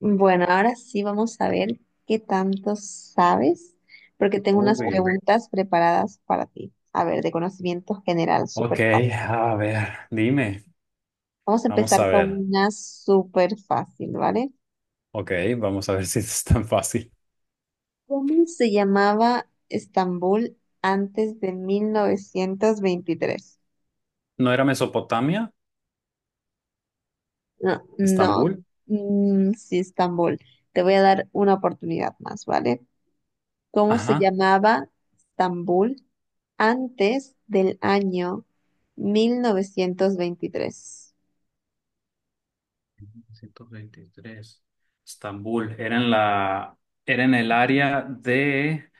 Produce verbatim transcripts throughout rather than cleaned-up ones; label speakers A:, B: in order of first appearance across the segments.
A: Bueno, ahora sí vamos a ver qué tanto sabes, porque tengo unas
B: Uy.
A: preguntas preparadas para ti. A ver, de conocimiento general, súper
B: Ok,
A: fácil.
B: a ver, dime.
A: Vamos a
B: Vamos a
A: empezar con
B: ver.
A: una súper fácil, ¿vale?
B: Ok, vamos a ver si es tan fácil.
A: ¿Cómo se llamaba Estambul antes de mil novecientos veintitrés?
B: ¿No era Mesopotamia?
A: No, no,
B: ¿Estambul?
A: mm, sí, Estambul. Te voy a dar una oportunidad más, ¿vale? Cómo se
B: Ajá.
A: llamaba Estambul antes del año mil novecientos veintitrés.
B: Ciento veintitrés. Estambul. Era en la, era en el área de,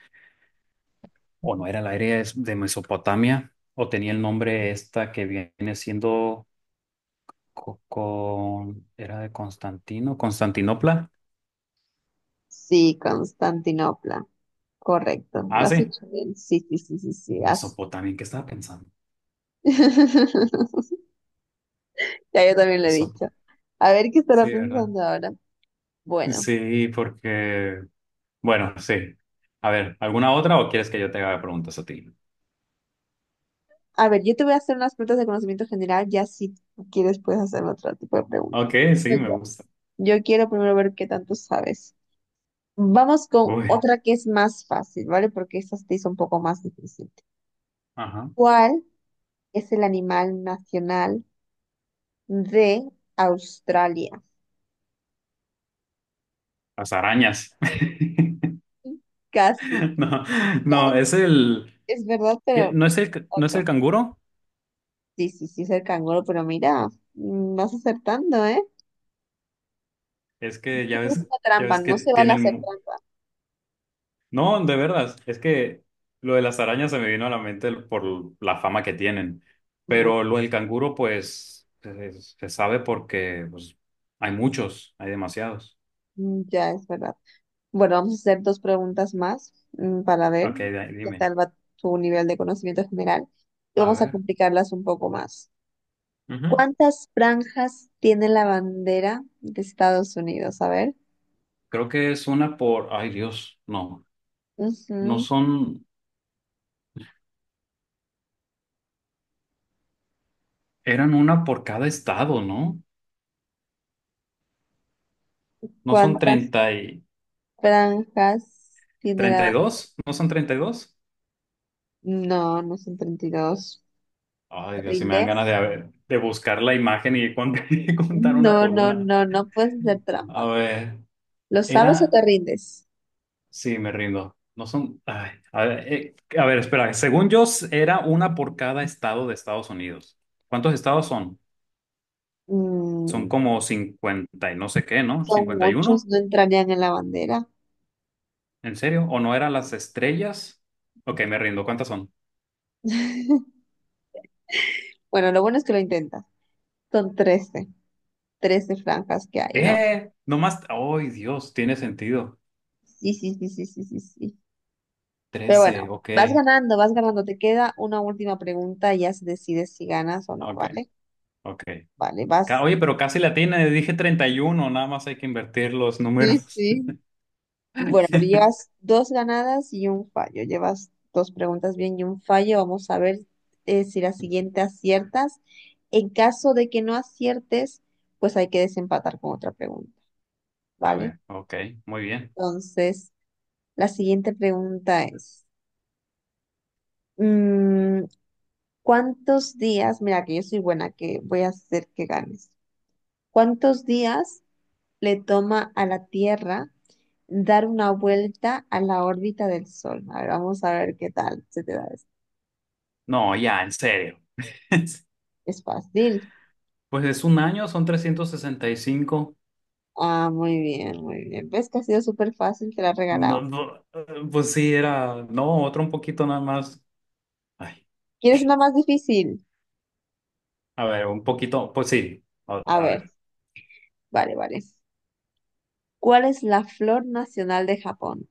B: o no era el área es- de Mesopotamia, o tenía el nombre esta que viene siendo co- con, era de Constantino, Constantinopla.
A: Sí, Constantinopla. Correcto. Lo
B: Ah,
A: has
B: sí.
A: hecho bien. Sí, sí, sí, sí, sí, así.
B: Mesopotamia, ¿en qué estaba pensando?
A: Ya yo también lo he dicho.
B: Mesopotamia.
A: A ver qué estará
B: Sí, ¿verdad?
A: pensando ahora. Bueno,
B: Sí, porque, bueno, sí. A ver, ¿alguna otra o quieres que yo te haga preguntas a ti?
A: a ver, yo te voy a hacer unas preguntas de conocimiento general, ya si tú quieres puedes hacerme otro tipo de
B: Ok,
A: preguntas. No,
B: sí, me
A: Yo,
B: gusta.
A: yo quiero primero ver qué tanto sabes. Vamos con
B: Uy,
A: otra que es más fácil, ¿vale? Porque esta se te hizo un poco más difícil.
B: ajá.
A: ¿Cuál es el animal nacional de Australia?
B: Las arañas.
A: Casi,
B: No, no, es
A: casi.
B: el
A: Es verdad,
B: que
A: pero
B: no es el no es el
A: otro.
B: canguro,
A: Sí, sí, sí, es el canguro, pero mira, mm, vas acertando, ¿eh?
B: es que ya
A: Eso es
B: ves,
A: una
B: ya
A: trampa,
B: ves que
A: no se vale
B: tienen
A: hacer
B: mu-
A: trampa.
B: No, de verdad, es que lo de las arañas se me vino a la mente por la fama que tienen,
A: Bu-
B: pero lo del canguro pues se, se sabe porque pues hay muchos, hay demasiados.
A: mm, ya, es verdad. Bueno, vamos a hacer dos preguntas más, mm, para ver
B: Ok, de-
A: qué
B: dime.
A: tal va tu nivel de conocimiento general. Y
B: A
A: vamos a
B: ver,
A: complicarlas un poco más.
B: ujú.
A: ¿Cuántas franjas tiene la bandera de Estados Unidos? A ver.
B: Creo que es una por, ay Dios, no, no
A: Ujú.
B: son, eran una por cada estado, ¿no? No son
A: ¿Cuántas
B: treinta y
A: franjas tiene la
B: treinta y
A: bandera?
B: dos, no son treinta y dos.
A: No, no son treinta y dos. ¿Te
B: Ay Dios, si me dan
A: rindes?
B: ganas de, a ver, de buscar la imagen y cont- y contar una
A: No,
B: por
A: no,
B: una.
A: no, no puedes hacer trampa.
B: A ver,
A: ¿Lo sabes o
B: era,
A: te rindes?
B: sí, me rindo. No son, ay, a ver, eh, a ver, espera, según yo s- era una por cada estado de Estados Unidos. ¿Cuántos estados son? Son
A: Mm,
B: como cincuenta y no sé qué, ¿no?
A: son
B: Cincuenta y
A: muchos,
B: uno.
A: no entrarían en la bandera.
B: ¿En serio? ¿O no eran las estrellas? Ok, me rindo. ¿Cuántas son?
A: Bueno, lo bueno es que lo intentas. Son trece, trece franjas que hay en la bandera.
B: ¿Qué? Nomás. ¡Ay, Dios! Tiene sentido.
A: Sí, sí, sí, sí, sí, sí, sí. Pero
B: Trece.
A: bueno,
B: Ok.
A: vas ganando, vas ganando. Te queda una última pregunta y ya se decide si ganas o no,
B: Ok.
A: ¿vale?
B: Ok.
A: Vale,
B: Ca-
A: vas.
B: Oye, pero casi la tiene. Dije treinta y uno. Nada más hay que invertir los
A: Sí,
B: números.
A: sí. Bueno, pero llevas dos ganadas y un fallo. Llevas dos preguntas bien y un fallo. Vamos a ver eh, si la siguiente aciertas. En caso de que no aciertes, pues hay que desempatar con otra pregunta,
B: A
A: ¿vale?
B: ver. Ok. Muy bien.
A: Entonces, la siguiente pregunta es, mm, ¿cuántos días? Mira, que yo soy buena, que voy a hacer que ganes. ¿Cuántos días le toma a la Tierra dar una vuelta a la órbita del Sol? A ver, vamos a ver qué tal se te da esto.
B: No, ya, en serio.
A: Es fácil.
B: Pues es un año, son trescientos sesenta y cinco.
A: Ah, muy bien, muy bien. ¿Ves que ha sido súper fácil? Te la he
B: No,
A: regalado.
B: no, eh, pues sí, era. No, otro un poquito nada más. Ay,
A: ¿Quieres una más difícil?
B: a ver, un poquito. Pues sí. a
A: A
B: a
A: ver,
B: ver.
A: vale, vale. ¿Cuál es la flor nacional de Japón?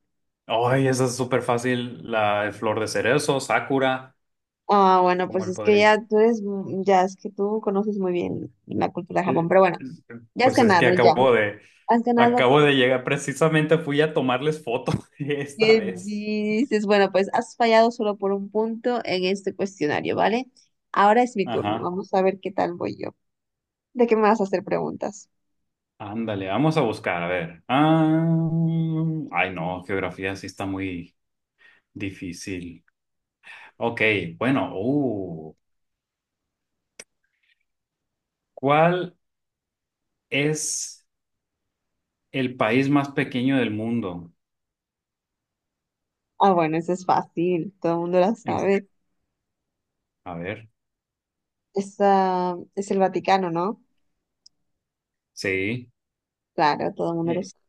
B: Ay, esa es súper fácil. La de flor de cerezo, Sakura,
A: Ah, bueno,
B: ¿cómo
A: pues
B: él
A: es que
B: podría?
A: ya tú eres, mu- ya es que tú conoces muy bien la cultura de Japón,
B: Eh,
A: pero bueno,
B: es-
A: ya has
B: pues es que
A: ganado, ya.
B: acabo de,
A: Has ganado.
B: acabo de llegar. Precisamente fui a tomarles foto esta
A: ¿Qué
B: vez.
A: dices? Bueno, pues has fallado solo por un punto en este cuestionario, ¿vale? Ahora es mi turno.
B: Ajá.
A: Vamos a ver qué tal voy yo. ¿De qué me vas a hacer preguntas?
B: Ándale, vamos a buscar, a ver. Ah, ay, no, geografía sí está muy difícil. Ok, bueno, uh, ¿cuál es el país más pequeño del mundo?
A: Ah, bueno, eso es fácil. Todo el mundo la
B: En-
A: sabe.
B: a ver,
A: Es, ah, es el Vaticano, ¿no?
B: sí,
A: Claro, todo el mundo lo
B: eh,
A: sabe.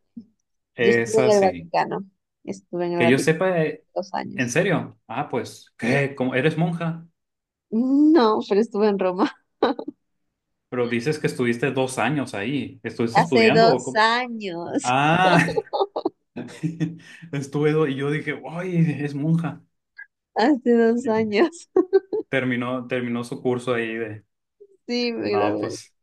A: Yo estuve
B: esa
A: en el
B: sí.
A: Vaticano. Estuve en el
B: Que yo
A: Vaticano
B: sepa, eh,
A: dos
B: en
A: años.
B: serio. Ah, pues, ¿qué? ¿Cómo- ¿Eres monja?
A: No, pero estuve en Roma.
B: Pero dices que estuviste dos años ahí. ¿Estuviste
A: Hace
B: estudiando o
A: dos
B: cómo?
A: años.
B: Ah, estuve do- y yo dije, ¡ay, es monja!
A: Hace dos
B: Y
A: años.
B: terminó, terminó su curso ahí de,
A: Sí, me
B: no,
A: gradué.
B: pues,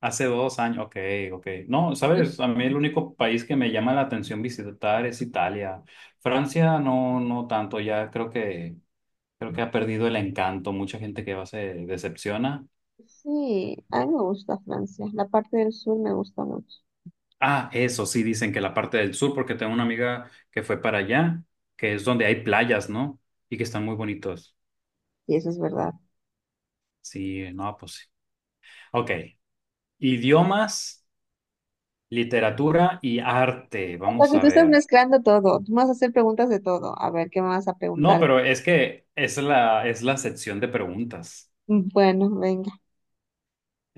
B: hace dos años. Ok, ok. No, sabes, a mí el único país que me llama la atención visitar es Italia. Francia no, no tanto, ya creo que, creo que ha perdido el encanto. Mucha gente que va se decepciona.
A: Sí, a mí me gusta Francia. La parte del sur me gusta mucho.
B: Ah, eso sí, dicen que la parte del sur, porque tengo una amiga que fue para allá, que es donde hay playas, ¿no? Y que están muy bonitos.
A: Y eso es verdad.
B: Sí, no, pues sí. Ok, idiomas, literatura y arte,
A: O sea
B: vamos
A: que tú,
B: a
A: sí, estás
B: ver.
A: mezclando todo. Tú me vas a hacer preguntas de todo. A ver, ¿qué me vas a
B: No,
A: preguntar?
B: pero es que es la, es la sección de preguntas.
A: Mm, Bueno, venga.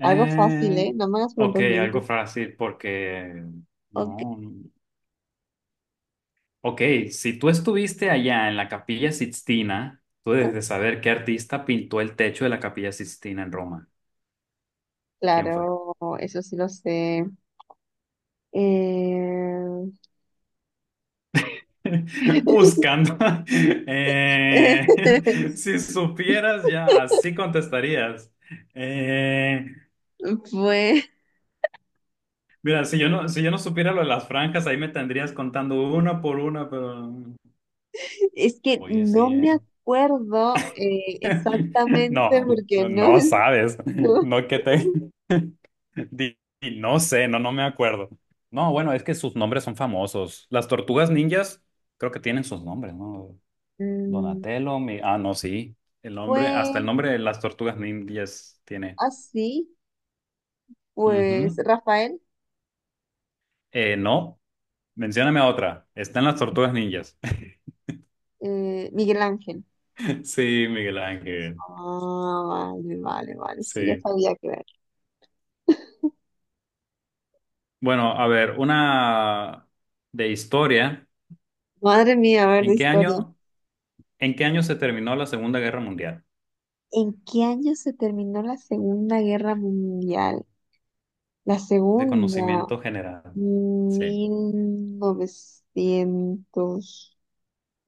A: Algo fácil, ¿eh? No me hagas
B: ok,
A: preguntas muy
B: algo
A: difíciles.
B: fácil, porque
A: Ok.
B: no. No. Ok, si tú estuviste allá en la Capilla Sixtina, tú debes de saber qué artista pintó el techo de la Capilla Sixtina en Roma. ¿Quién fue?
A: Claro, eso sí lo sé. Eh,
B: Buscando. Eh, si supieras ya, así contestarías. Eh,
A: pues
B: mira, si yo no, si yo no supiera lo de las franjas, ahí me tendrías contando una por una, pero...
A: es que
B: Oye,
A: no
B: sí,
A: me
B: ¿eh?
A: acuerdo, eh, exactamente
B: No,
A: porque no
B: no sabes.
A: estuve.
B: No que te... di- di- no sé, no, no me acuerdo. No, bueno, es que sus nombres son famosos. Las tortugas ninjas creo que tienen sus nombres, ¿no?
A: Mm,
B: Donatello, mi... Ah, no, sí. El nombre, hasta el
A: fue
B: nombre de las tortugas ninjas tiene.
A: así. Pues
B: Ujú.
A: Rafael,
B: Eh, no, mencióname otra. Están las tortugas ninjas.
A: eh, Miguel Ángel.
B: Sí, Miguel Ángel.
A: Ah, vale, vale, vale. Sí, ya
B: Sí.
A: sabía que ver.
B: Bueno, a ver, una de historia.
A: Madre mía, a ver de
B: ¿En qué
A: historia.
B: año, en qué año se terminó la Segunda Guerra Mundial?
A: ¿En qué año se terminó la Segunda Guerra Mundial? La
B: De
A: segunda,
B: conocimiento general. Sí.
A: mil novecientos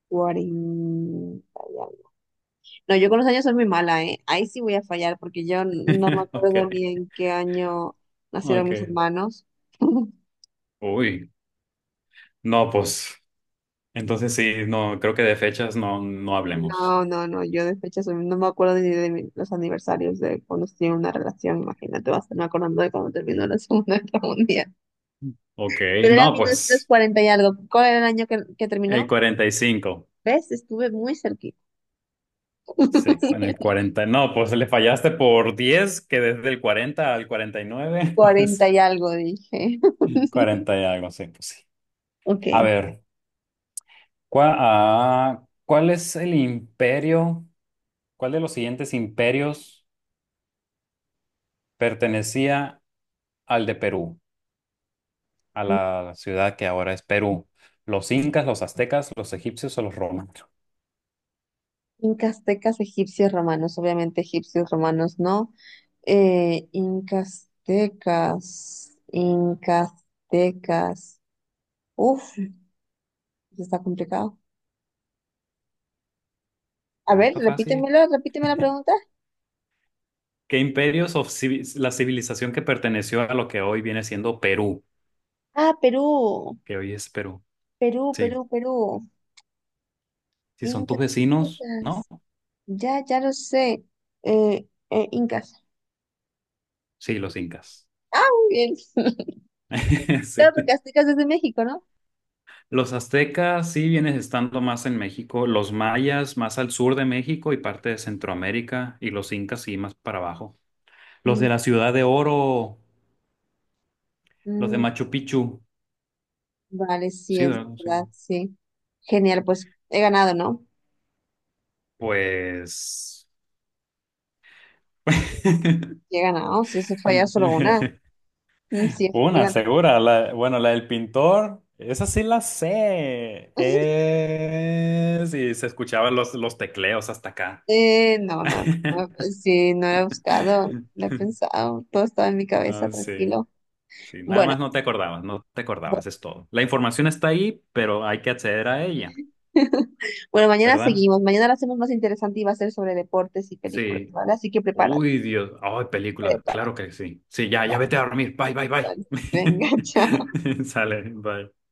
A: cuarenta y algo. No, yo con los años soy muy mala, ¿eh? Ahí sí voy a fallar porque yo no me
B: Ok,
A: acuerdo ni en qué año nacieron
B: ok.
A: mis hermanos.
B: Uy, no, pues. Entonces sí, no, creo que de fechas no, no hablemos.
A: No, no, no, yo de fechas, mm, no me acuerdo ni de mi- los aniversarios de cuando estuve en una relación, imagínate, vas a estarme acordando de cuando terminó la Segunda Guerra Mundial.
B: Ok,
A: Pero era
B: no, pues.
A: mil novecientos cuarenta y algo, ¿cuál era el año que, que
B: El
A: terminó?
B: cuarenta y cinco.
A: ¿Ves? Estuve muy cerquita.
B: Sí, con el cuarenta. No, pues le fallaste por diez que desde el cuarenta al cuarenta y nueve,
A: cuarenta
B: pues
A: y algo, dije.
B: cuarenta y algo, sí, pues sí.
A: Ok.
B: A ver, ¿cuál, ah, ¿cuál es el imperio? ¿Cuál de los siguientes imperios pertenecía al de Perú, a la ciudad que ahora es Perú? ¿Los incas, los aztecas, los egipcios o los romanos?
A: Incas, tecas, egipcios, romanos. Obviamente egipcios, romanos no. Eh, incas, tecas, incas, tecas. Uf, está complicado. A
B: No,
A: ver,
B: está fácil.
A: repítemelo, repíteme la pregunta.
B: ¿Qué imperios o civi- la civilización que perteneció a lo que hoy viene siendo Perú,
A: Ah, Perú,
B: que hoy es Perú?
A: Perú,
B: Sí,
A: Perú, Perú.
B: si son tus
A: Incas.
B: vecinos, ¿no?
A: Incas. Ya, ya lo sé. Eh, eh, Incas.
B: Sí, los incas.
A: Muy bien. Claro, porque
B: Sí.
A: Aztecas es de México, ¿no?
B: Los aztecas sí vienes estando más en México, los mayas más al sur de México y parte de Centroamérica, y los incas sí más para abajo. Los de
A: Mm,
B: la Ciudad de Oro, los de
A: mm,
B: Machu Picchu,
A: vale, sí,
B: sí,
A: es
B: ¿verdad? Sí.
A: verdad, sí. Genial, pues he ganado, ¿no?
B: Pues...
A: Sí, he ganado, si eso falla solo una. Mm, sí, he
B: Una,
A: ganado.
B: segura. La- bueno, la del pintor, esa sí la sé. Es... Y se escuchaban los, los tecleos hasta acá.
A: Eh, no, no, no, sí, no lo he buscado, no he pensado, todo estaba en mi cabeza,
B: Ah, sí,
A: tranquilo.
B: sí, nada
A: Bueno,
B: más no te acordabas, no te acordabas,
A: bueno.
B: es todo. La información está ahí, pero hay que acceder a ella,
A: Bueno, mañana
B: ¿verdad?
A: seguimos. Mañana la hacemos más interesante y va a ser sobre deportes y películas,
B: Sí.
A: ¿vale? Así que prepárate,
B: Uy, Dios. Ay, película,
A: prepárate.
B: claro que sí. Sí, ya, ya
A: Vamos,
B: vete a dormir. Bye, bye, bye.
A: vale. Venga, chao.
B: Sale, bye.